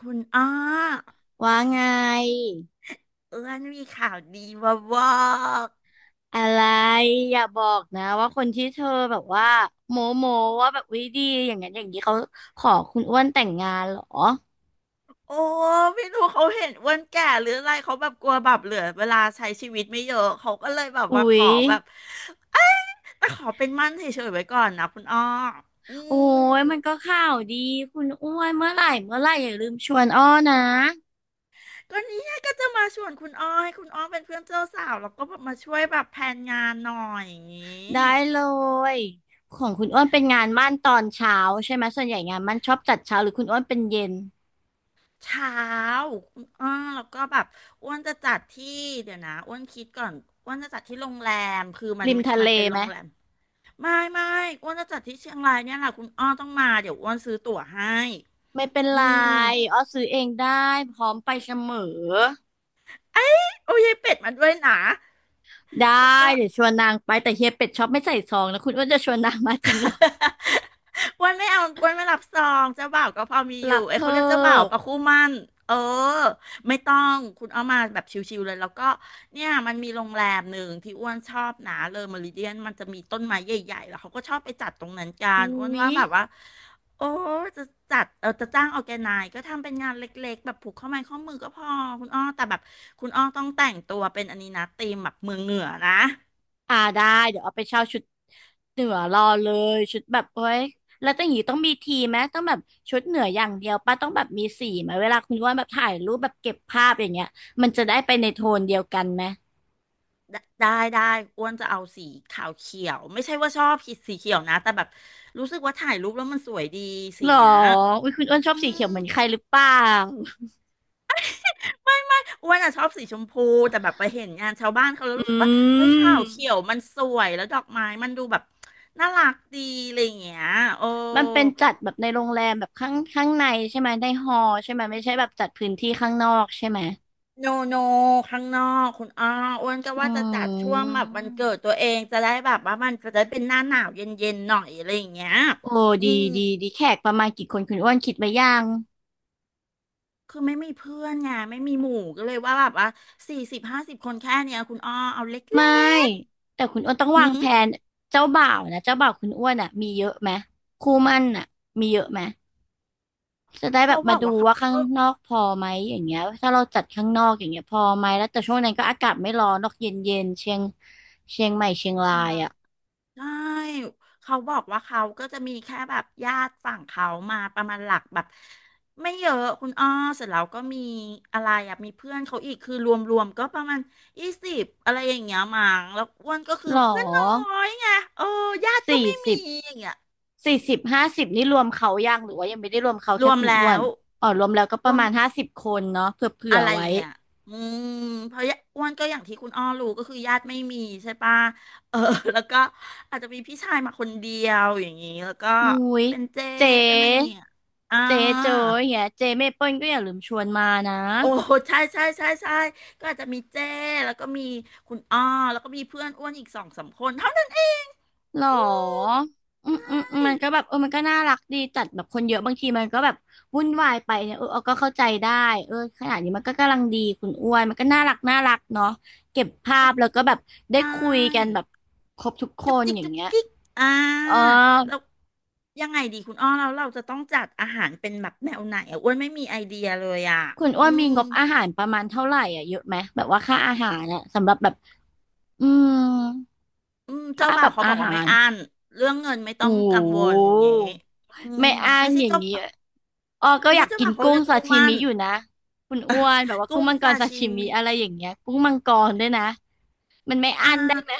คุณอ้อว่าไงเอื้อนมีข่าวดีมาบอกอะไรอย่าบอกนะว่าคนที่เธอแบบว่าโมโมว่าแบบวิดีอย่างนั้นอย่างนี้เขาขอคุณอ้วนแต่งงานเหรอโอ้ไม่รู้เขาเห็นอ้วนแก่หรืออะไรเขาแบบกลัวแบบเหลือเวลาใช้ชีวิตไม่เยอะเขาก็เลยแบบอุ๊มาขยอแบบเอ้ยแต่ขอเป็นมั่นเฉยๆไว้ก่อนนะคุณอ้ออืโอ้ยมันก็มข่าวดีคุณอ้วนเมื่อไหร่เมื่อไหร่อย่าลืมชวนอ้อนะก็เนี่ยก็จะมาชวนคุณอ้อให้คุณอ้อเป็นเพื่อนเจ้าสาวแล้วก็แบบมาช่วยแบบแผนงานหน่อยอย่างนี้ ได้เลยของคุณอ้วนเป็นงานมั่นตอนเช้าใช่ไหมส่วนใหญ่งานมั่นชอบจัดเช้าหรือคุณอ้วนเป็นเย็นเช้าอ่าแล้วก็แบบอ้วนจะจัดที่ เดี๋ยวนะอ้วนคิดก่อนอ้วนจะจัดที่โรงแรม คือมันริมมันทะมัเลนเป็นโรไหมงแรม ไม่ไม่อ้วนจะจัดที่เชียงรายเนี่ยแหละคุณอ้อต้องมา เดี๋ยวอ้วนซื้อตั๋วให้ไม่เป็นอืไรม อ้อซื้อเองได้พร้อมไปเสมอ โอ้ยายเป็ดมาด้วยนะได้แล้วก็ เดี๋ยวชวนนางไปแต่เฮียเป็ดชอบไม่ใส่ซองนะคุณอ้วนจะชวนนางมาจริงเหรอ อ้วันไม่เอาอ้วันไม่รับซองเจ้าบ่าวก็พอมีอยู่รับเอ้เพยเขาเรียกเจ้าบ่าวอปะคู่หมั่นเออไม่ต้องคุณเอามาแบบชิวๆเลยแล้วก็เนี่ยมันมีโรงแรมหนึ่งที่อ้วนชอบนะเลอเมริเดียนมันจะมีต้นไม้ใหญ่ๆแล้วเขาก็ชอบไปจัดตรงนั้นกันอุ๊อ้วนยว่าแบบว่าโอ้จะจัดเออจะจ้างออแกไนก็ทำเป็นงานเล็กๆแบบผูกข้อไม้ข้อมือก็พอคุณอ้อแต่แบบคุณอ้อต้องแต่งตัวเป็นอันนี้นะธีมแบบเมืองเหนือนะ อ่าได้เดี๋ยวเอาไปเช่าชุดเหนือรอเลยชุดแบบโอ้ยแล้วต้องอย่างนี้ต้องมีทีมไหมต้องแบบชุดเหนืออย่างเดียวป้าต้องแบบมีสีไหมเวลาคุณอ้วนแบบถ่ายรูปแบบเก็บภาพอย่างเงี้ยมันจะได้ไปในโทนเดียวกันไหมได้ได้ได้อ้วนจะเอาสีขาวเขียวไม่ใช่ว่าชอบสีเขียวนะแต่แบบรู้สึกว่าถ่ายรูปแล้วมันสวยดีสีหรอเนี้ยอุ้ยคุณอ้วนชออืบสีมเขียวเหมือนใครหรือเปล่าไม่ไม่อ้วนอะชอบสีชมพูแต่แบบไปเห็นงานชาวบ้านเขาแล้วอรู้สึกว่าืเฮ้ยขาวเขียวม มันสวยแล้วดอกไม้มันดูแบบน่ารักดีอะไรอย่างเงี้ยโอ้มันเป็นจัดแบบในโรงแรมแบบข้างข้างในใช่ไหมในฮอลล์ใช่ไหมไม่ใช่แบบจัดพื้นที่ข้างนอกใช่ไหมโนโนข้างนอกคุณอ้ออ้วนก็อืว่าจะจัดช่วงมแบบวันเกิดตัวเองจะได้แบบว่ามันจะได้เป็นหน้าหนาวเย็นๆหน่อยอะไรอย่างเงี้ยโอ้อืดีม ดีดีแขกประมาณกี่คนคุณอ้วนคิดไว้ยังคือไม่มีเพื่อนไงไม่มีหมู่ก็เลยว่าแบบว่า40 50 คนแค่เนี้ยคุณอ้อเอาเไม่ล็กแต่คุณอ้วนต้องๆวาหืงมแผนเจ้าบ่าวนะเจ้าบ่าวคุณอ้วนอ่ะมีเยอะไหมคู่หมั่นอ่ะมีเยอะไหมจะได้แบเขาบบมาอกดูว่าเขาว่าข้างก็นอกพอไหมอย่างเงี้ยถ้าเราจัดข้างนอกอย่างเงี้ยพอไหมแล้วแต่ช่วงนั้นก็อากาศไม่ร้อนนอกเย็นเย็นเชียงใหม่เชียงเชีรายงยรายอ่ะใช่เขาบอกว่าเขาก็จะมีแค่แบบญาติฝั่งเขามาประมาณหลักแบบไม่เยอะคุณอ้อเสร็จแล้วก็มีอะไรอะมีเพื่อนเขาอีกคือรวมๆก็ประมาณ20อะไรอย่างเงี้ยมั้งแล้วอ้วนก็คืหอรอ เพื่อนน้อยไงเออญาติก็สี่ไม่มีสิบอย่างเงี้ยสี่สิบห้าสิบนี่รวมเขายังหรือว่ายังไม่ได้รวมเขารแค่วมคุณอ้แล้วนวอ๋อรวมแล้วก็ปรระวม มาณห้าสิบคนเนาะเผื่อเผื่อะอไรอไว้ย่างเงี้ยอืมเพราะยะอ้วนก็อย่างที่คุณอ้อรู้ก็คือญาติไม่มีใช่ปะเออ แล้วก็อาจจะมีพี่ชายมาคนเดียวอย่างนี้ แล้วก็อุ้ยเป็นเจเจ๊เป็นอะไรอย่างเงี้ยอ่าเจ๊โจอย่างเงี้ยเจ๊เมเปิ้ลก็อย่าลืมชวนมานะโอ้ใช่ใช่ใช่ใช่ก็อาจจะมีเจ้แล้วก็มีคุณอ้อแล้วก็มีเพื่อนอ้วนอีกสองสามคนเท่านั้นเองหรอืมออืมอืมอืมมัใช่นก็แบบเออมันก็น่ารักดีจัดแบบคนเยอะบางทีมันก็แบบวุ่นวายไปเนี่ยเออเอาก็เข้าใจได้เออขนาดนี้มันก็กำลังดีคุณอ้วนมันก็น่ารักน่ารักเนาะเก็บภาแล้พวแล้คุวณก็แบบได้ใช่ คุยกันแบบครบทุกคจุกนจิกอย่างจุกเงี้ย จิกอ่เออาแล้วยังไงดีคุณอ้อเราจะต้องจัดอาหารเป็นแบบแนวไหนอ่ะอ้วนไม่มีไอเดียเลยอ่ะคุณอือ้วนมีมงบอาหารประมาณเท่าไหร่อ่ะเยอะไหม แบบว่าค่าอาหารอ่ะสำหรับแบบอืมอืมเจ้าค่าบ่าแบวบเขาบอาอกว่าหาไม่รอั้นเรื่องเงินไม่ต้องโอ้โกังวลอหย่างนี้อืมไม่อ้างไม่ใช่อย่างเจ้านี้บ่าวอ้อก็ไม่อใช่ยากเจ้ากินบ่าวเขากุ้เรีงยกซาคู่หชิมั่มินอยู่นะคุณอ้วนแบบว่ากุ้กุ้งงมังกซารซาชิชิมิมิอะไรอย่างเงี้ยกุ้งมังกรด้วยนะมันไม่อ่อั้นได้าไหม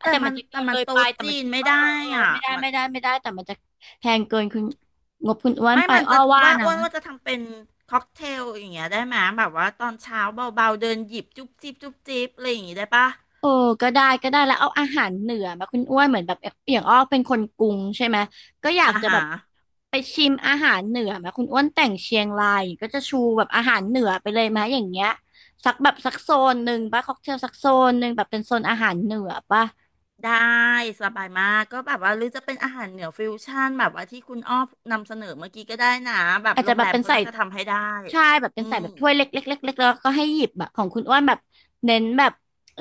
อ่ะแต่แต่มัมันนจะเกิแต่นมัเลนยไปโต๊ะแต่มัจีนนไม่เออได้เออเอออ่ะไม่ได้มันไม่ได้ไม่ได้แต่มันจะแพงเกินคุณงบคุณอ้วนไม่ไปมันอ้อจะว่าว่านะ อ้วนว่าจะทำเป็นค็อกเทลอย่างเงี้ยได้ไหมแบบว่าตอนเช้าเบาๆเดินหยิบจุ๊บจิ๊บจุ๊บจิ๊บอะไรอย่างงี้ได้ปะ เออก็ได้ก็ได้แล้วเอาอาหารเหนือมาคุณอ้วนเหมือนแบบอย่างอ้อเป็นคนกรุงใช่ไหมก็อยากอาจะแบหาบรไปชิมอาหารเหนือมาคุณอ้วนแต่งเชียงรายก็จะชูแบบอาหารเหนือไปเลยไหมอย่างเงี้ยสักแบบสักโซนหนึ่งป่ะค็อกเทลสักโซนหนึ่งแบบเป็นโซนอาหารเหนือป่ะได้สบายมากก็แบบว่าหรือจะเป็นอาหารเหนือฟิวชั่นแบบว่าที่คุณอ้อนำเสนอเมื่อกี้ก็ได้นะแบบอาจโรจะงแบแรบมเป็นเขาใส่น่าจะทำให้ได้ใช่แบบเป็อืนใส่มแบบถ้วยเล็กๆเล็กๆแล้วก็ให้หยิบแบบของคุณอ้วนแบบเน้นแบบ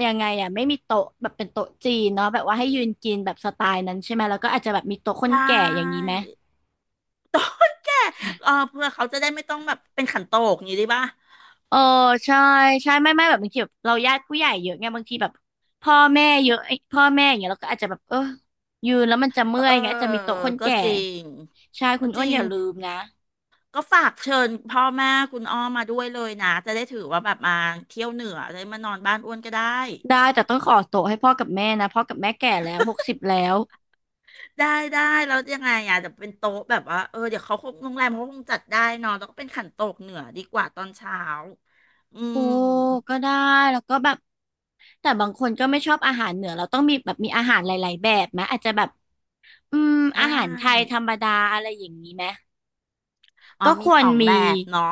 ยังไงอ่ะไม่มีโต๊ะแบบเป็นโต๊ะจีนเนาะแบบว่าให้ยืนกินแบบสไตล์นั้นใช่ไหมแล้วก็อาจจะแบบมีโต๊ะคใชนแก่อย่างนี้่ไหม เออเพื่อเขาจะได้ไม่ต้องแบบเป็นขันโตกอย่างนี้ได้ป่ะเออใช่ใช่ไม่ไม่แบบบางทีแบบเราญาติผู้ใหญ่เยอะไงบางทีแบบพ่อแม่เยอะไอ้พ่อแม่อย่างเงี้ยเราก็อาจจะแบบเออยืนแล้วมันจะเอเมื่ออเอยอไงอาจจะมีโต๊ะคนก็แก่จริงใช่คุก็ณจอ้วนริองย่าลืมนะก็ฝากเชิญพ่อแม่คุณอ้อมาด้วยเลยนะจะได้ถือว่าแบบมาเที่ยวเหนือจะได้มานอนบ้านอ้วนก็ได้ ได้แต่ต้องขอโต๊ะให้พ่อกับแม่นะพ่อกับแม่แก่แล้ว60แล้วได้ได้แล้วยังไงอ่ะเดี๋ยวเป็นโต๊ะแบบว่าเออเดี๋ยวเขาคงโรงแรมเขาคงจัดได้เนอะแล้วก็เป็นขันโตกเหนือดีกว่าตอนเช้าอืโอ้มก็ได้แล้วก็แบบแต่บางคนก็ไม่ชอบอาหารเหนือเราต้องมีแบบมีอาหารหลายๆแบบไหมอาจจะแบบอืมอาได้หารไทยธรรมดาอะไรอย่างนี้ไหม อ๋อก็คมีวสรองแบมีบเนาะ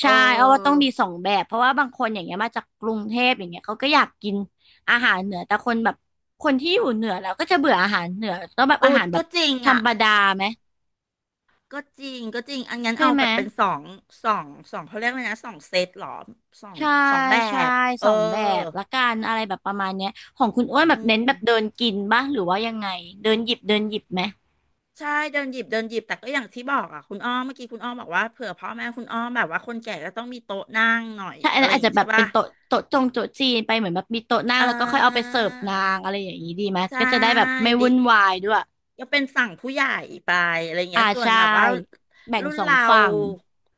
เอใช่เอาว่าต้องอมีสองแบบเพราะว่าบางคนอย่างเงี้ยมาจากกรุงเทพอย่างเงี้ยเขาก็อยากกินอาหารเหนือแต่คนแบบคนที่อยู่เหนือแล้วก็จะเบื่ออาหารเหนือต้องแบบโอ้อาหารแบก็บจริงธรอ่ะรมดาไหมก็จริงก็จริงอันงั้นใช่เอาไหมแบบเป็นสองเขาเรียกว่าไงนะสองเซตเหรอสองใช่สองแบใช่บเอสอองแบบละกันอะไรแบบประมาณเนี้ยของคุณอ้วนแบอืบเน้นแบบเดิม นกินบ้างหรือว่ายังไงเดินหยิบเดินหยิบไหมใช่เดินหยิบเดินหยิบแต่ก็อย่างที่บอกอ่ะคุณอ้อมเมื่อกี้คุณอ้อมบอกว่าเผื่อพ่อแม่คุณอ้อมแบบว่าคนแก่ก็ต้องมีโต๊ะนั่งหน่อยถ้าอันอะนั้ไรนออาจย่างจะงี้แบบใช่เป็ป่ะนโต๊ะจีนไปเหมือนแบบมีโต๊ะนั่งเแล้วก็ค่อยเอาไปออเสิร์ฟนางอะไรอย่างนี้ดีไหมใช่ก็จะได้แบบไม่ดิวุ่นวายด้วย ก็เป็นฝั่งผู้ใหญ่ไปอะไรเงี้ยส่วนใช่แบบว่าแบ่งรุ่นสองเราฝั่ง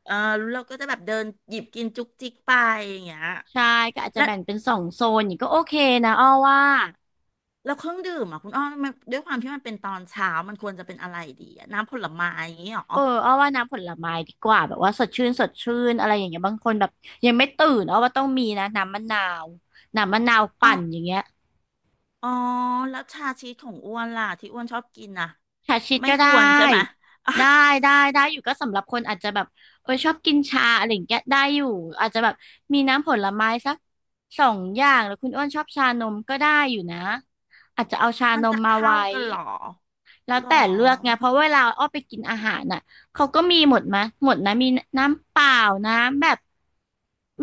เออรุ่นเราก็จะแบบเดินหยิบกินจุกจิกไปอย่างเงี้ยใช่ก็อาจจะและแบ่งเป็นสองโซนอย่างนี้ก็โอเคนะอ้อว่าแล้วเครื่องดื่มอ่ะคุณอ้อมมันด้วยความที่มันเป็นตอนเช้ามันควรจะเป็นอะไรดีอะน้ำผลไม้อย่างงี้หรอ้อว่าน้ำผลไม้ดีกว่าแบบว่าสดชื่นอะไรอย่างเงี้ยบางคนแบบยังไม่ตื่นอ้อว่าต้องมีนะน้ำมะนาวน้ำมะนาวปั่นอ อย่างเงี้ยอ๋อแล้วชาชีสของอ้วนล่ะที่อ้วนชอบกินน่ะชาชิดไม่ก็คได้วรใช่ไหม ได้ ได้ได้อยู่ก็สำหรับคนอาจจะแบบชอบกินชาอะไรอย่างเงี้ยได้อยู่อาจจะแบบมีน้ำผลไม้สักสองอย่างหรือคุณอ้วนชอบชานมก็ได้อยู่นะอาจจะเอาชามันนมจะมาเข้าไว้ กันเหรอแล้วหรอแต่เลือกไงเพราะเวลาอ้อไปกินอาหารน่ะเขาก็มีหมดมะหมดนะมีน้ำเปล่าน้ำแบบ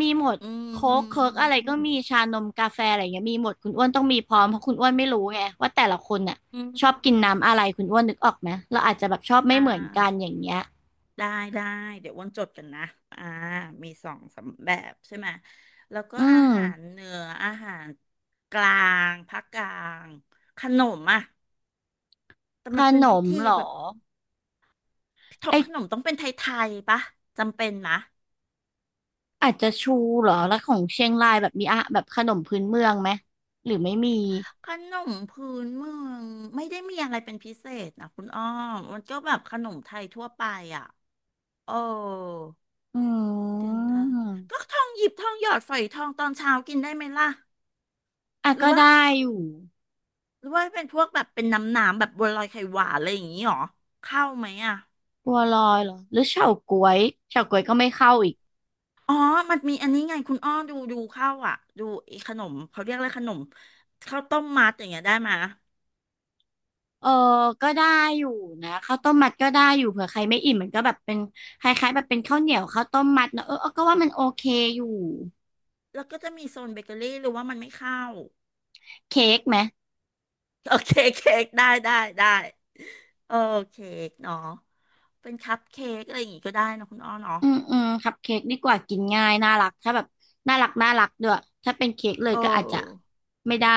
มีหมดอืมโค้อืกเคิร์กอะไรก็มมีชานมกาแฟอะไรเงี้ยมีหมดคุณอ้วนต้องมีพร้อมเพราะคุณอ้วนไม่รู้ไงว่าแต่ละคนน่ะอืมชอบกินน้ำอะไรคุณอ้วนนึกออกไหมเราอาจจะแบบชอบไม่อ่าเหมือนกันอย่างเงี้ยได้ได้เดี๋ยวอ้วนจดกันนะอ่ามีสองสามแบบใช่ไหมแล้วก็อือาหารมเหนืออาหารกลางภาคกลางขนมอ่ะแต่ขมันเป็นนพิมธีเหรแบอบทบขไอนมต้องเป็นไทยๆปะจำเป็นนะ อาจจะชูเหรอแล้วของเชียงรายแบบมีอะแบบขนมพื้นเมืองไหมหรือไม่มีขนมพื้นเมืองไม่ได้มีอะไรเป็นพิเศษนะคุณอ้อมมันก็แบบขนมไทยทั่วไปอ่ะโอ้อืเดี๋ยวนะก็มทองหยิบทองหยอดฝอยทองตอนเช้ากินได้ไหมล่ะอ่ะหรือก็ว่าได้อยู่ หรือว่าเป็นพวกแบบเป็นน้ำหนามแบบบัวลอยไข่หวานอะไรอย่างนี้หรอเข้าไหมอ่ะบัวลอยเหรอหรือเฉาก๊วยเฉาก๊วยก็ไม่เข้าอีกอ๋อมันมีอันนี้ไงคุณอ้อดูเข้าวอ่ะดูไอ้ขนมเขาเรียกอะไรขนมข้าวต้มมัดอย่างเงี้ยได้ไหมยเออก็ได้อยู่นะข้าวต้มมัดก็ได้อยู่เผื่อใครไม่อิ่มมันก็แบบเป็นคล้ายๆแบบเป็นข้าวเหนียวข้าวต้มมัดเนอะเออก็ว่ามันโอเคอยู่แล้วก็จะมีโซนเบเกอรี่หรือว่ามันไม่เข้า เค้กไหมโอเคเค้กได้ได้ได้เออเค้กเนาะเป็นคัพเค้กอะไรอย่างงี้ก็ได้เนอะคุณอ้อเนาะอืมคัพเค้กดีกว่ากินง่ายน่ารักถ้าแบบน่ารักด้วยถ้าเป็นเค้กเลเยก็อาจจะออไม่ได้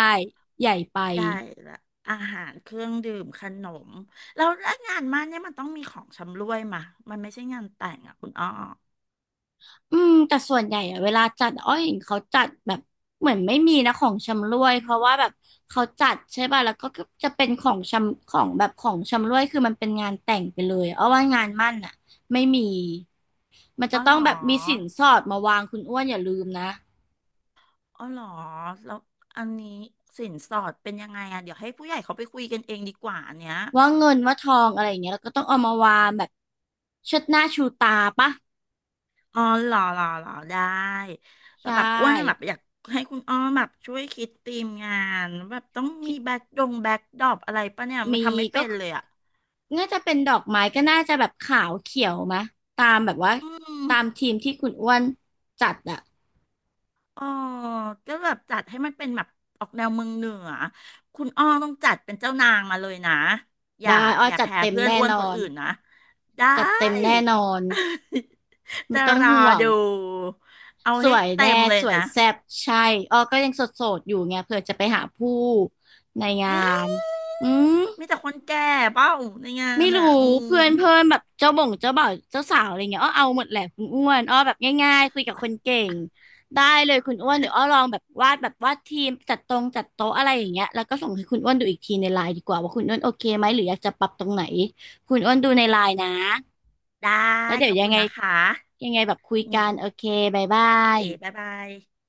ใหญ่ไป ได้ละอาหารเครื่องดื่มขนมแล้วงานมั่นเนี่ยมันต้องมีของชำร่วยมามันไม่ใช่งานแต่งอ่ะคุณอ้ออืมแต่ส่วนใหญ่อะเวลาจัดอ้อยเห็นเขาจัดแบบเหมือนไม่มีนะของชำร่วยเพราะว่าแบบเขาจัดใช่ป่ะแล้วก็จะเป็นของชำของแบบของชำร่วยคือมันเป็นงานแต่งไปเลยเอาว่างานมั่นอะไม่มีมันอ๋จะอเหต้อรงอแบบมีสินสอดมาวางคุณอ้วนอย่าลืมนะอ๋อเหรอแล้วอันนี้สินสอดเป็นยังไงอ่ะเดี๋ยวให้ผู้ใหญ่เขาไปคุยกันเองดีกว่าอันเนี้ย ว่าเงินว่าทองอะไรอย่างเงี้ยแล้วก็ต้องเอามาวางแบบเชิดหน้าชูตาปะอ๋อเหรอเหรอเหรอได้ แต่ใช่ แบบอ้วนแบบอยากให้คุณอ้อมแบบช่วยคิดธีมงานแบบต้องมีแบ็คดงแบ็คดรอปอะไรปะเนี่ยมันมีทำไม่ก็เป็นเลยอ่ะน่าจะเป็นดอกไม้ก็น่าจะแบบขาวเขียวมะตามแบบว่าอืมตามทีมที่คุณอ้วนจัดอะอ๋อก็แบบจัดให้มันเป็นแบบออกแนวเมืองเหนือคุณอ้อต้องจัดเป็นเจ้านางมาเลยนะอย่าได้อ้ออย่าจัดแพ้เต็มเพื่อนแน่อ้วนนคอนนอื่นนะได้ จัดเต็มแน่นอน ไม่จะต้องรอห่วงดูเอาสให้วยเต็แน่มเลยสวยนะ แซ่บใช่อ้อก็ยังโสดๆอยู่ไงเผื่อจะไปหาผู้ในงาอืนมอืม มีแต่คนแก่เปล่าในงานไม่รู้อ่ะอืมเพื่อนเพื่อนแบบเจ้าบ่งเจ้าบ่าวเจ้าสาวอะไรเงี้ยอ้อเอาหมดแหละคุณอ้วนอ้อแบบง่ายๆคุยกับคนเก่งได้เลยคุณอ้วนเดี๋ยวอ้อลองแบบวาดแบบวาดทีมจัดตรงจัดโต๊ะอะไรอย่างเงี้ยแล้วก็ส่งให้คุณอ้วนดูอีกทีในไลน์ดีกว่าว่าคุณอ้วนโอเคไหมหรืออยากจะปรับตรงไหนคุณอ้วนดูในไลน์นะได้แล้วเดี๋ขยวอบยังคุณไงนะคะยังไงแบบคุยอืกัมนโอเคบายบาโอเคยบ๊ายบาย